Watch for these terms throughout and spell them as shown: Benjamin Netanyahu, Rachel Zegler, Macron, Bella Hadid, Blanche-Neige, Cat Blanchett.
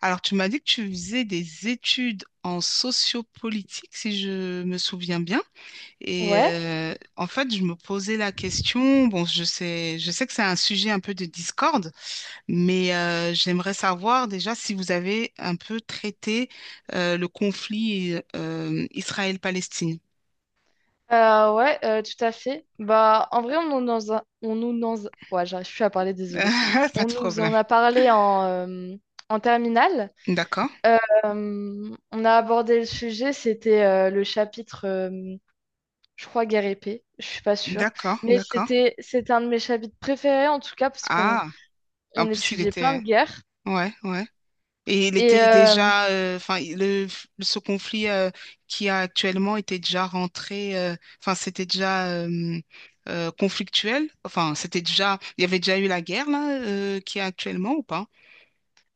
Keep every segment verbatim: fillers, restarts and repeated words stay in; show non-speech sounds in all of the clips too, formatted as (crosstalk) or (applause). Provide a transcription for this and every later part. Alors, tu m'as dit que tu faisais des études en sociopolitique, si je me souviens bien. Et Ouais, euh, en fait, je me posais la question. Bon, je sais, je sais que c'est un sujet un peu de discorde, mais euh, j'aimerais savoir déjà si vous avez un peu traité euh, le conflit euh, Israël-Palestine. euh, ouais, euh, tout à fait. Bah, en vrai, on nous dans un- on nous dans un- ouais, j'arrive plus à parler, désolée. (laughs) Pas On de nous problème. en a parlé en, euh, en terminale. D'accord, Euh, on a abordé le sujet, c'était euh, le chapitre, euh, je crois, guerre épée, je suis pas sûre. d'accord, Mais d'accord. c'était c'était un de mes chapitres préférés, en tout cas, parce qu'on Ah, en on plus, il étudiait plein de était... guerres. Ouais, ouais. Et il Et, était euh, déjà, euh, enfin, le, ce conflit euh, qui a actuellement était déjà rentré, euh, enfin, c'était déjà euh, euh, conflictuel. Enfin, c'était déjà, il y avait déjà eu la guerre là, euh, qui est actuellement ou pas?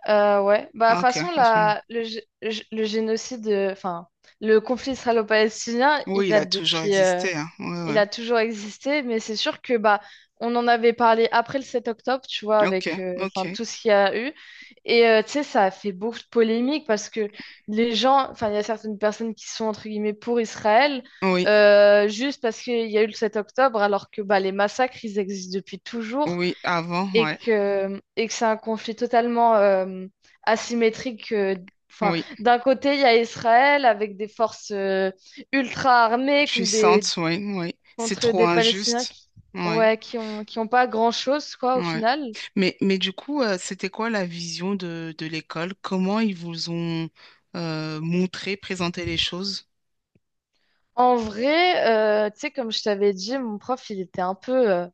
Euh, ouais, bah, de Ah, toute ok. façon, À ce moment... la, le, gé- le gé- le génocide, euh, enfin, le conflit israélo-palestinien, il Oui, il a date toujours depuis, euh, existé. Hein. Ouais, il ouais. a toujours existé, mais c'est sûr que, bah, on en avait parlé après le sept octobre, tu vois, Ok, avec, euh, enfin, ok. tout ce qu'il y a eu. Et, euh, tu sais, ça a fait beaucoup de polémiques parce que les gens, enfin, il y a certaines personnes qui sont, entre guillemets, pour Israël, Oui, euh, juste parce qu'il y a eu le sept octobre, alors que, bah, les massacres, ils existent depuis toujours oui, avant, et ouais. que, et que c'est un conflit totalement euh, asymétrique. euh, Enfin, Oui, d'un côté, il y a Israël avec des forces euh, ultra armées contre des, puissante, oui, oui. C'est contre trop des Palestiniens injuste. qui, Oui, ouais, qui ont, qui ont pas grand-chose, quoi, oui. au final. Mais, mais du coup, euh, c'était quoi la vision de, de l'école? Comment ils vous ont euh, montré, présenté les choses? En vrai, euh, tu sais, comme je t'avais dit, mon prof, il était un peu, euh,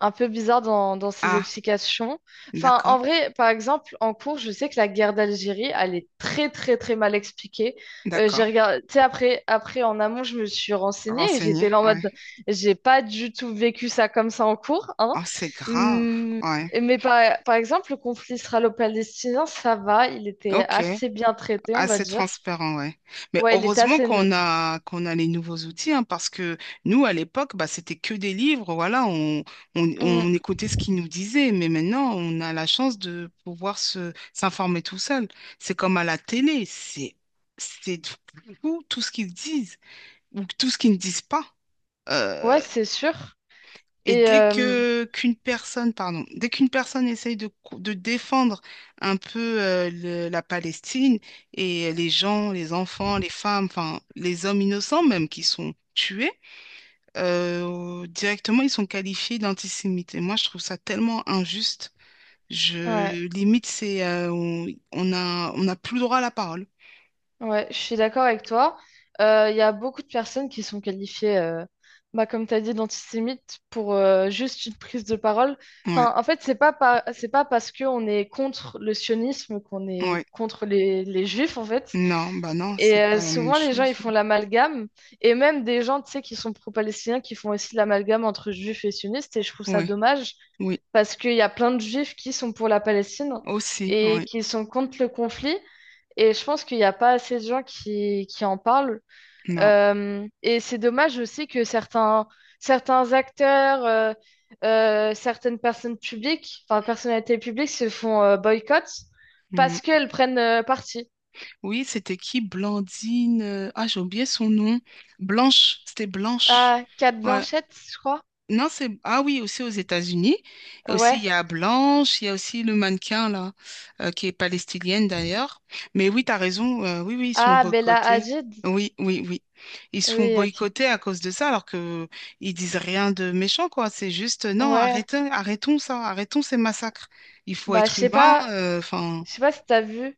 un peu bizarre dans, dans ses Ah, explications. Enfin, d'accord, en vrai, par exemple, en cours, je sais que la guerre d'Algérie, elle est très, très, très mal expliquée. Euh, d'accord. j'ai regardé, tu sais, après, après, en amont, je me suis renseignée et j'étais Renseigné, là en mode, ouais. j'ai pas du tout vécu ça comme ça en cours, hein. Oh, c'est grave, Hum. ouais. Mais par, par exemple, le conflit israélo-palestinien, ça va, il était Ok, assez bien traité, on va assez dire. transparent, ouais. Mais Ouais, il était heureusement assez qu'on neutre. a qu'on a les nouveaux outils, hein, parce que nous, à l'époque, bah, c'était que des livres, voilà, on, on, Hum. on écoutait ce qu'ils nous disaient, mais maintenant, on a la chance de pouvoir se s'informer tout seul. C'est comme à la télé, c'est c'est tout, tout ce qu'ils disent ou tout ce qu'ils ne disent pas. Ouais, Euh, c'est sûr. et Et dès euh, que qu'une personne, pardon, dès qu'une personne essaye de, cou- de défendre un peu euh, le- la Palestine et les gens, les enfants, les femmes, enfin les hommes innocents même qui sont tués, euh, directement ils sont qualifiés d'antisémites. Et moi je trouve ça tellement injuste. ouais. Je limite c'est euh, on on a on n'a plus le droit à la parole. Ouais, je suis d'accord avec toi. Euh, Il y a beaucoup de personnes qui sont qualifiées, euh, bah, comme tu as dit, d'antisémites pour euh, juste une prise de parole. Ouais, Enfin, en fait, c'est pas, par- c'est pas parce qu'on est contre le sionisme qu'on est ouais. contre les, les juifs, en fait. Non, bah non, Et c'est euh, pas la même souvent, les gens, chose. ils font l'amalgame. Et même des gens, tu sais, qui sont pro-palestiniens, qui font aussi l'amalgame entre juifs et sionistes. Et je trouve ça Ouais, dommage oui, parce qu'il y a plein de juifs qui sont pour la Palestine aussi, et ouais, qui sont contre le conflit. Et je pense qu'il n'y a pas assez de gens qui, qui en parlent. non. Euh, et c'est dommage aussi que certains, certains acteurs, euh, euh, certaines personnes publiques, enfin personnalités publiques se font euh, boycott parce qu'elles prennent euh, parti. Oui, c'était qui? Blandine. euh, Ah, j'ai oublié son nom. Blanche, c'était Blanche. Ah, Cat Ouais. Blanchette, je crois. Non, c'est. Ah oui, aussi aux États-Unis. Et aussi, Ouais. il y a Blanche, il y a aussi le mannequin, là, euh, qui est palestinienne d'ailleurs. Mais oui, tu as raison. Euh, oui, oui, ils sont Ah, Bella boycottés. Hadid. Oui, oui, oui. Ils se font Oui, ok. boycotter à cause de ça, alors que ils disent rien de méchant, quoi. C'est juste, euh, non, Ouais. arrêtons, arrêtons ça, arrêtons ces massacres. Il faut Bah, je être sais humain. pas, euh, Enfin, je sais pas si t'as vu.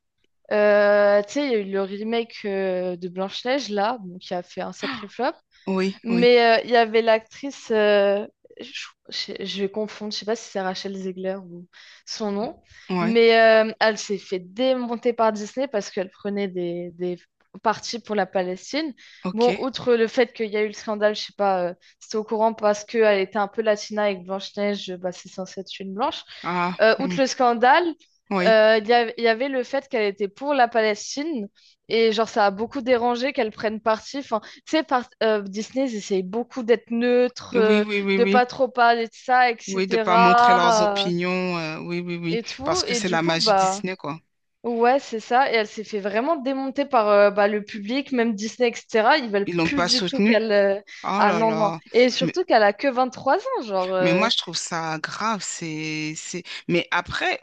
Euh, tu sais, il y a eu le remake euh, de Blanche-Neige, là, bon, qui a fait un sacré flop. oui, oui, Mais euh, il y avait l'actrice, euh, je, je- je vais confondre, je sais pas si c'est Rachel Zegler ou son nom, ouais, mais euh, elle s'est fait démonter par Disney parce qu'elle prenait des, des parties pour la Palestine. Bon, ok. outre le fait qu'il y a eu le scandale, je sais pas, euh, c'était au courant parce qu'elle était un peu latina avec Blanche-Neige, bah, c'est censé être une blanche. Ah, Euh, hmm, outre le scandale, oui, euh, il y, av- il y avait le fait qu'elle était pour la Palestine et genre ça a beaucoup dérangé qu'elle prenne parti. Enfin, tu sais, par- euh, Disney, ils essayent beaucoup d'être neutres, oui, euh, oui, oui, de oui. pas trop parler de ça, Oui, de pas montrer leurs et cetera euh, opinions, euh, oui, oui, oui, et parce tout. que Et c'est du la coup, magie bah, Disney, quoi. ouais, c'est ça. Et elle s'est fait vraiment démonter par euh, bah, le public, même Disney, et cetera. Ils veulent Ils l'ont plus pas du tout soutenu. qu'elle. Euh, Oh Ah là non, non. là. Et Mais surtout qu'elle a que vingt-trois ans, genre. Mais moi, Euh, je trouve ça grave. C'est, c'est... Mais après,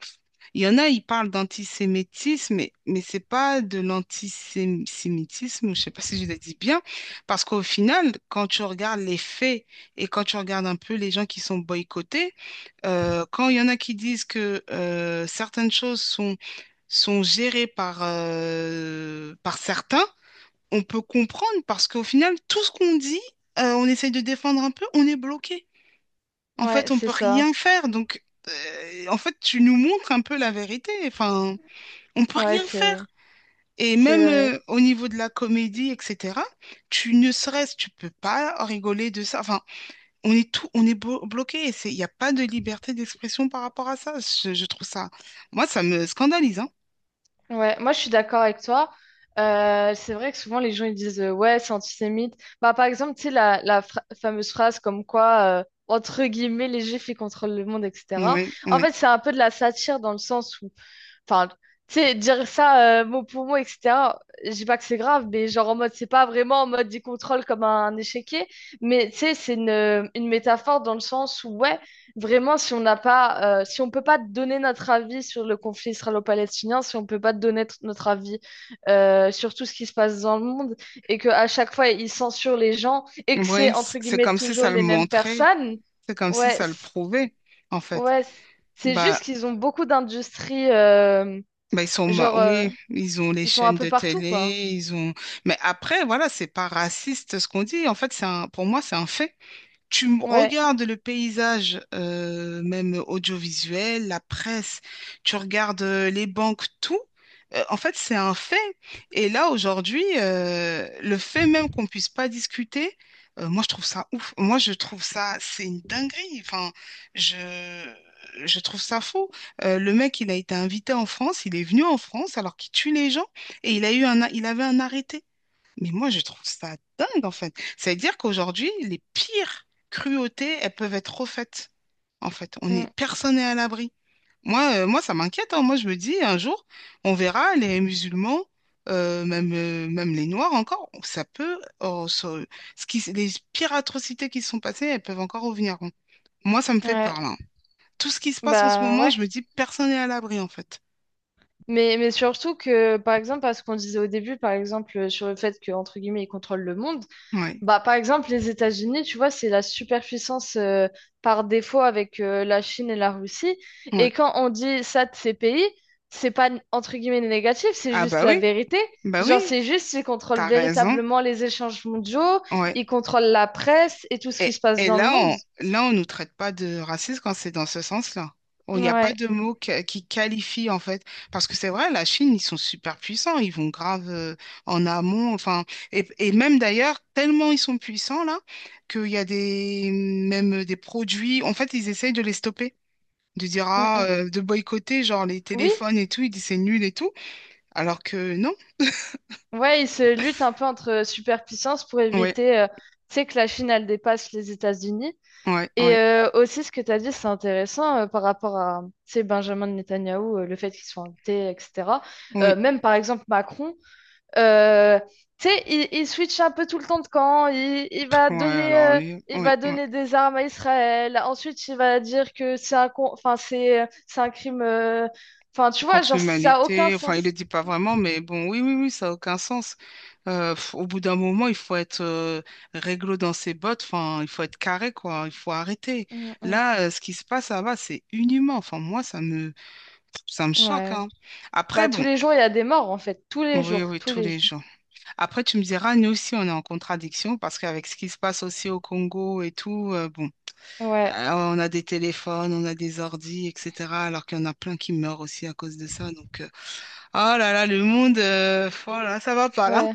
il y en a, ils parlent d'antisémitisme, mais, mais c'est pas de l'antisémitisme, je sais pas si je le dis bien, parce qu'au final, quand tu regardes les faits et quand tu regardes un peu les gens qui sont boycottés, euh, quand il y en a qui disent que euh, certaines choses sont, sont gérées par, euh, par certains, on peut comprendre parce qu'au final, tout ce qu'on dit, euh, on essaye de défendre un peu, on est bloqué. En Ouais, fait, on c'est peut ça. rien faire. Donc, euh, en fait, tu nous montres un peu la vérité. Enfin, on peut Ouais, rien c'est faire. Et c'est même vrai. euh, au niveau de la comédie, et cetera, tu ne serais-ce, tu peux pas rigoler de ça. Enfin, on est tout, on est blo- bloqué. Et c'est... Il n'y a pas de liberté d'expression par rapport à ça. Je, je trouve ça, moi, ça me scandalise, hein. Ouais, moi je suis d'accord avec toi. Euh, c'est vrai que souvent les gens ils disent euh, ouais, c'est antisémite. Bah, par exemple, tu sais, la, la fra- fameuse phrase comme quoi, euh, entre guillemets, les juifs ils contrôlent le monde, et cetera. Oui, En oui. fait, c'est un peu de la satire dans le sens. Enfin, tu sais, dire ça euh, mot pour mot, et cetera. Je dis pas que c'est grave, mais genre en mode, c'est pas vraiment en mode il contrôle comme un échiquier, mais tu sais, c'est une, une métaphore dans le sens où, ouais, vraiment, si on n'a pas, euh, si on peut pas te donner notre avis sur le conflit israélo-palestinien, si on peut pas te donner t- notre avis euh, sur tout ce qui se passe dans le monde, et que à chaque fois, ils censurent les gens, et que c'est, Oui, c- entre c'est guillemets, comme si toujours ça le les mêmes montrait. personnes, C'est comme si ouais, ça le c- prouvait, en fait. ouais, c- c'est Bah, juste qu'ils ont beaucoup d'industries. euh, Bah, ils sont, ma- Genre, euh, oui, ils ont les ils sont un chaînes peu de partout, quoi. télé, ils ont. Mais après, voilà, c'est pas raciste ce qu'on dit. En fait, c'est un, pour moi, c'est un fait. Tu m- Ouais. regardes le paysage, euh, même audiovisuel, la presse, tu regardes euh, les banques, tout. Euh, en fait, c'est un fait. Et là, aujourd'hui, euh, le fait même qu'on puisse pas discuter, euh, moi, je trouve ça ouf. Moi, je trouve ça, c'est une dinguerie. Enfin, je, je trouve ça fou. Euh, le mec, il a été invité en France, il est venu en France alors qu'il tue les gens et il a eu un, a- il avait un arrêté. Mais moi, je trouve ça dingue, en fait. Ça veut dire qu'aujourd'hui, les pires cruautés, elles peuvent être refaites, en fait. On Mm. est, personne n'est à l'abri. Moi, euh, moi, ça m'inquiète. Hein. Moi, je me dis, un jour, on verra les musulmans, euh, même, euh, même les noirs encore, ça peut, oh, ça- ce qui, les pires atrocités qui se sont passées, elles peuvent encore revenir. Hein. Moi, ça me fait peur, Ouais. là. Tout ce qui se passe en ce Bah moment, ouais. je me dis, personne n'est à l'abri, en fait. Mais, mais surtout que, par exemple, à ce qu'on disait au début, par exemple, euh, sur le fait que, entre guillemets, ils contrôlent le monde, Ouais, bah par exemple, les États-Unis, tu vois, c'est la superpuissance euh, par défaut avec euh, la Chine et la Russie. ouais. Et quand on dit ça de ces pays, c'est pas, entre guillemets, négatif, c'est Ah juste bah la oui, vérité. bah Genre, oui, c'est juste, ils contrôlent t'as raison. véritablement les échanges mondiaux, Ouais. ils contrôlent la presse et tout ce qui Et, se passe et dans le là, monde. on, là, on ne nous traite pas de racisme quand c'est dans ce sens-là. Il n'y a pas Ouais. de mot que- qui qualifie, en fait. Parce que c'est vrai, la Chine, ils sont super puissants. Ils vont grave euh, en amont. Enfin, et, et même d'ailleurs, tellement ils sont puissants, là, qu'il y a des, même des produits. En fait, ils essayent de les stopper. De dire, Mm, ah, mm. euh, de boycotter, genre les Oui, téléphones et tout. Ils disent c'est nul et tout. Alors que non. ouais, ils se luttent un peu entre euh, superpuissances pour Ouais, éviter, euh, tu sais, que la Chine, elle dépasse les États-Unis. ouais, Et ouais. euh, aussi, ce que tu as dit, c'est intéressant euh, par rapport à, tu sais, Benjamin Netanyahou, euh, le fait qu'il soit invité, et cetera. Euh, Oui, même, par exemple, Macron, euh, tu sais, il, il switch un peu tout le temps de camp. Il, il va ouais, donner, alors, euh, les- il ouais, va ouais. donner des armes à Israël. Ensuite, il va dire que c'est un, con- enfin, c'est, c'est un crime. euh, Enfin, tu vois, Contre genre, ça a aucun l'humanité. Enfin, il ne le sens. dit pas vraiment, mais bon, oui, oui, oui, ça n'a aucun sens. Euh, pff, au bout d'un moment, il faut être euh, réglo dans ses bottes. Enfin, il faut être carré, quoi. Il faut arrêter. Mm, mm. Là, euh, ce qui se passe, ça va, c'est inhumain. Enfin, moi, ça me, ça me choque, Ouais. hein. Après, Bah, tous bon. les jours, il y a des morts, en fait. Tous les Oui, jours, oui, tous tous les les jours. jours. Après, tu me diras, nous aussi, on est en contradiction parce qu'avec ce qui se passe aussi au Congo et tout, euh, bon, Ouais, euh, on a des téléphones, on a des ordis, et cetera. Alors qu'il y en a plein qui meurent aussi à cause de ça. Donc, euh, ah là là, le monde, euh, voilà, ça va pas là. ouais.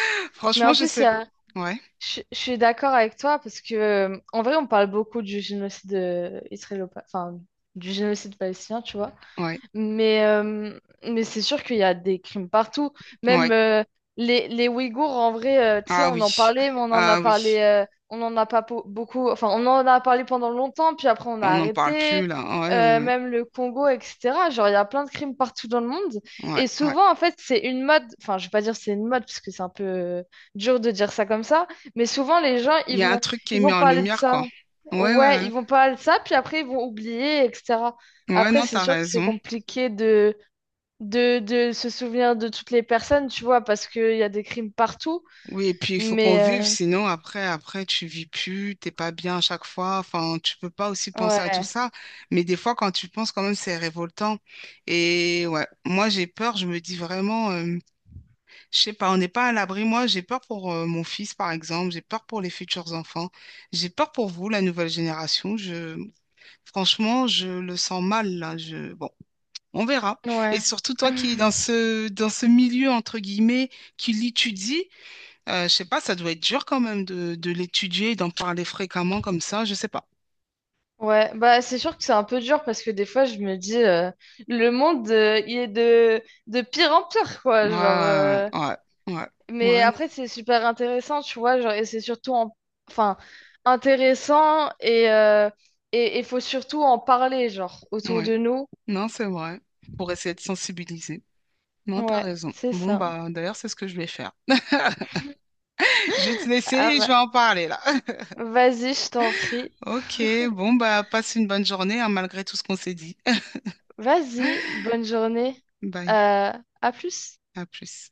(laughs) Mais Franchement, en je plus, il sais. y a- Ouais, je, je suis d'accord avec toi parce que, euh, en vrai, on parle beaucoup du génocide euh, israélo, enfin, du génocide palestinien, tu vois. ouais, Mais, euh, mais c'est sûr qu'il y a des crimes partout. Même ouais. euh, les, les Ouïghours, en vrai, euh, tu sais, Ah on en oui, parlait, mais on en a ah parlé, oui. euh, on en a pas po- beaucoup. Enfin, on en a parlé pendant longtemps, puis après on a On n'en parle arrêté. plus là. Ouais, ouais, Euh, ouais, même le Congo, et cetera. Genre, il y a plein de crimes partout dans le monde. ouais. Et Ouais. souvent, en fait, c'est une mode. Enfin, je vais pas dire c'est une mode, parce que c'est un peu euh, dur de dire ça comme ça. Mais souvent, les gens, Il ils y a un vont, truc qui est ils mis vont en parler de lumière, quoi. ça. Ouais, ouais, Ouais, ouais. ils vont parler de ça, puis après, ils vont oublier, et cetera. Ouais, Après, non, c'est t'as sûr que c'est raison. compliqué de, de, de se souvenir de toutes les personnes, tu vois, parce qu'il y a des crimes partout. Oui, et puis il faut qu'on vive, Mais euh, sinon après, après, tu vis plus, t'es pas bien à chaque fois. Enfin, tu peux pas aussi penser à tout ouais, ça. Mais des fois, quand tu penses, quand même, c'est révoltant. Et ouais, moi j'ai peur. Je me dis vraiment. euh, Je sais pas, on n'est pas à l'abri. Moi, j'ai peur pour euh, mon fils, par exemple. J'ai peur pour les futurs enfants. J'ai peur pour vous, la nouvelle génération. Je... Franchement, je le sens mal, là. Je... Bon, on verra. Et ouais. surtout, toi qui es dans (laughs) ce, dans ce milieu, entre guillemets, qui l'étudie, euh, je sais pas, ça doit être dur quand même de, de l'étudier, et d'en parler fréquemment comme ça. Je sais pas. Ouais, bah c'est sûr que c'est un peu dur parce que des fois je me dis euh, le monde euh, il est de, de pire en pire quoi Ouais, genre ouais, euh, ouais. Ouais, ouais, mais ouais, après c'est super intéressant tu vois genre et c'est surtout en- enfin intéressant et euh, et il faut surtout en parler genre non, autour ouais. de nous Non, c'est vrai. Pour essayer de sensibiliser. Non, t'as ouais raison. c'est Bon, ça. bah, d'ailleurs, c'est ce que je vais faire. Je vais te laisser, Ah, et je bah vais en parler là. (laughs) vas-y, je t'en prie. Ok, bon, bah, passe une bonne journée, hein, malgré tout ce qu'on s'est dit. Vas-y, bonne journée. (laughs) Bye, Euh, à plus. à plus.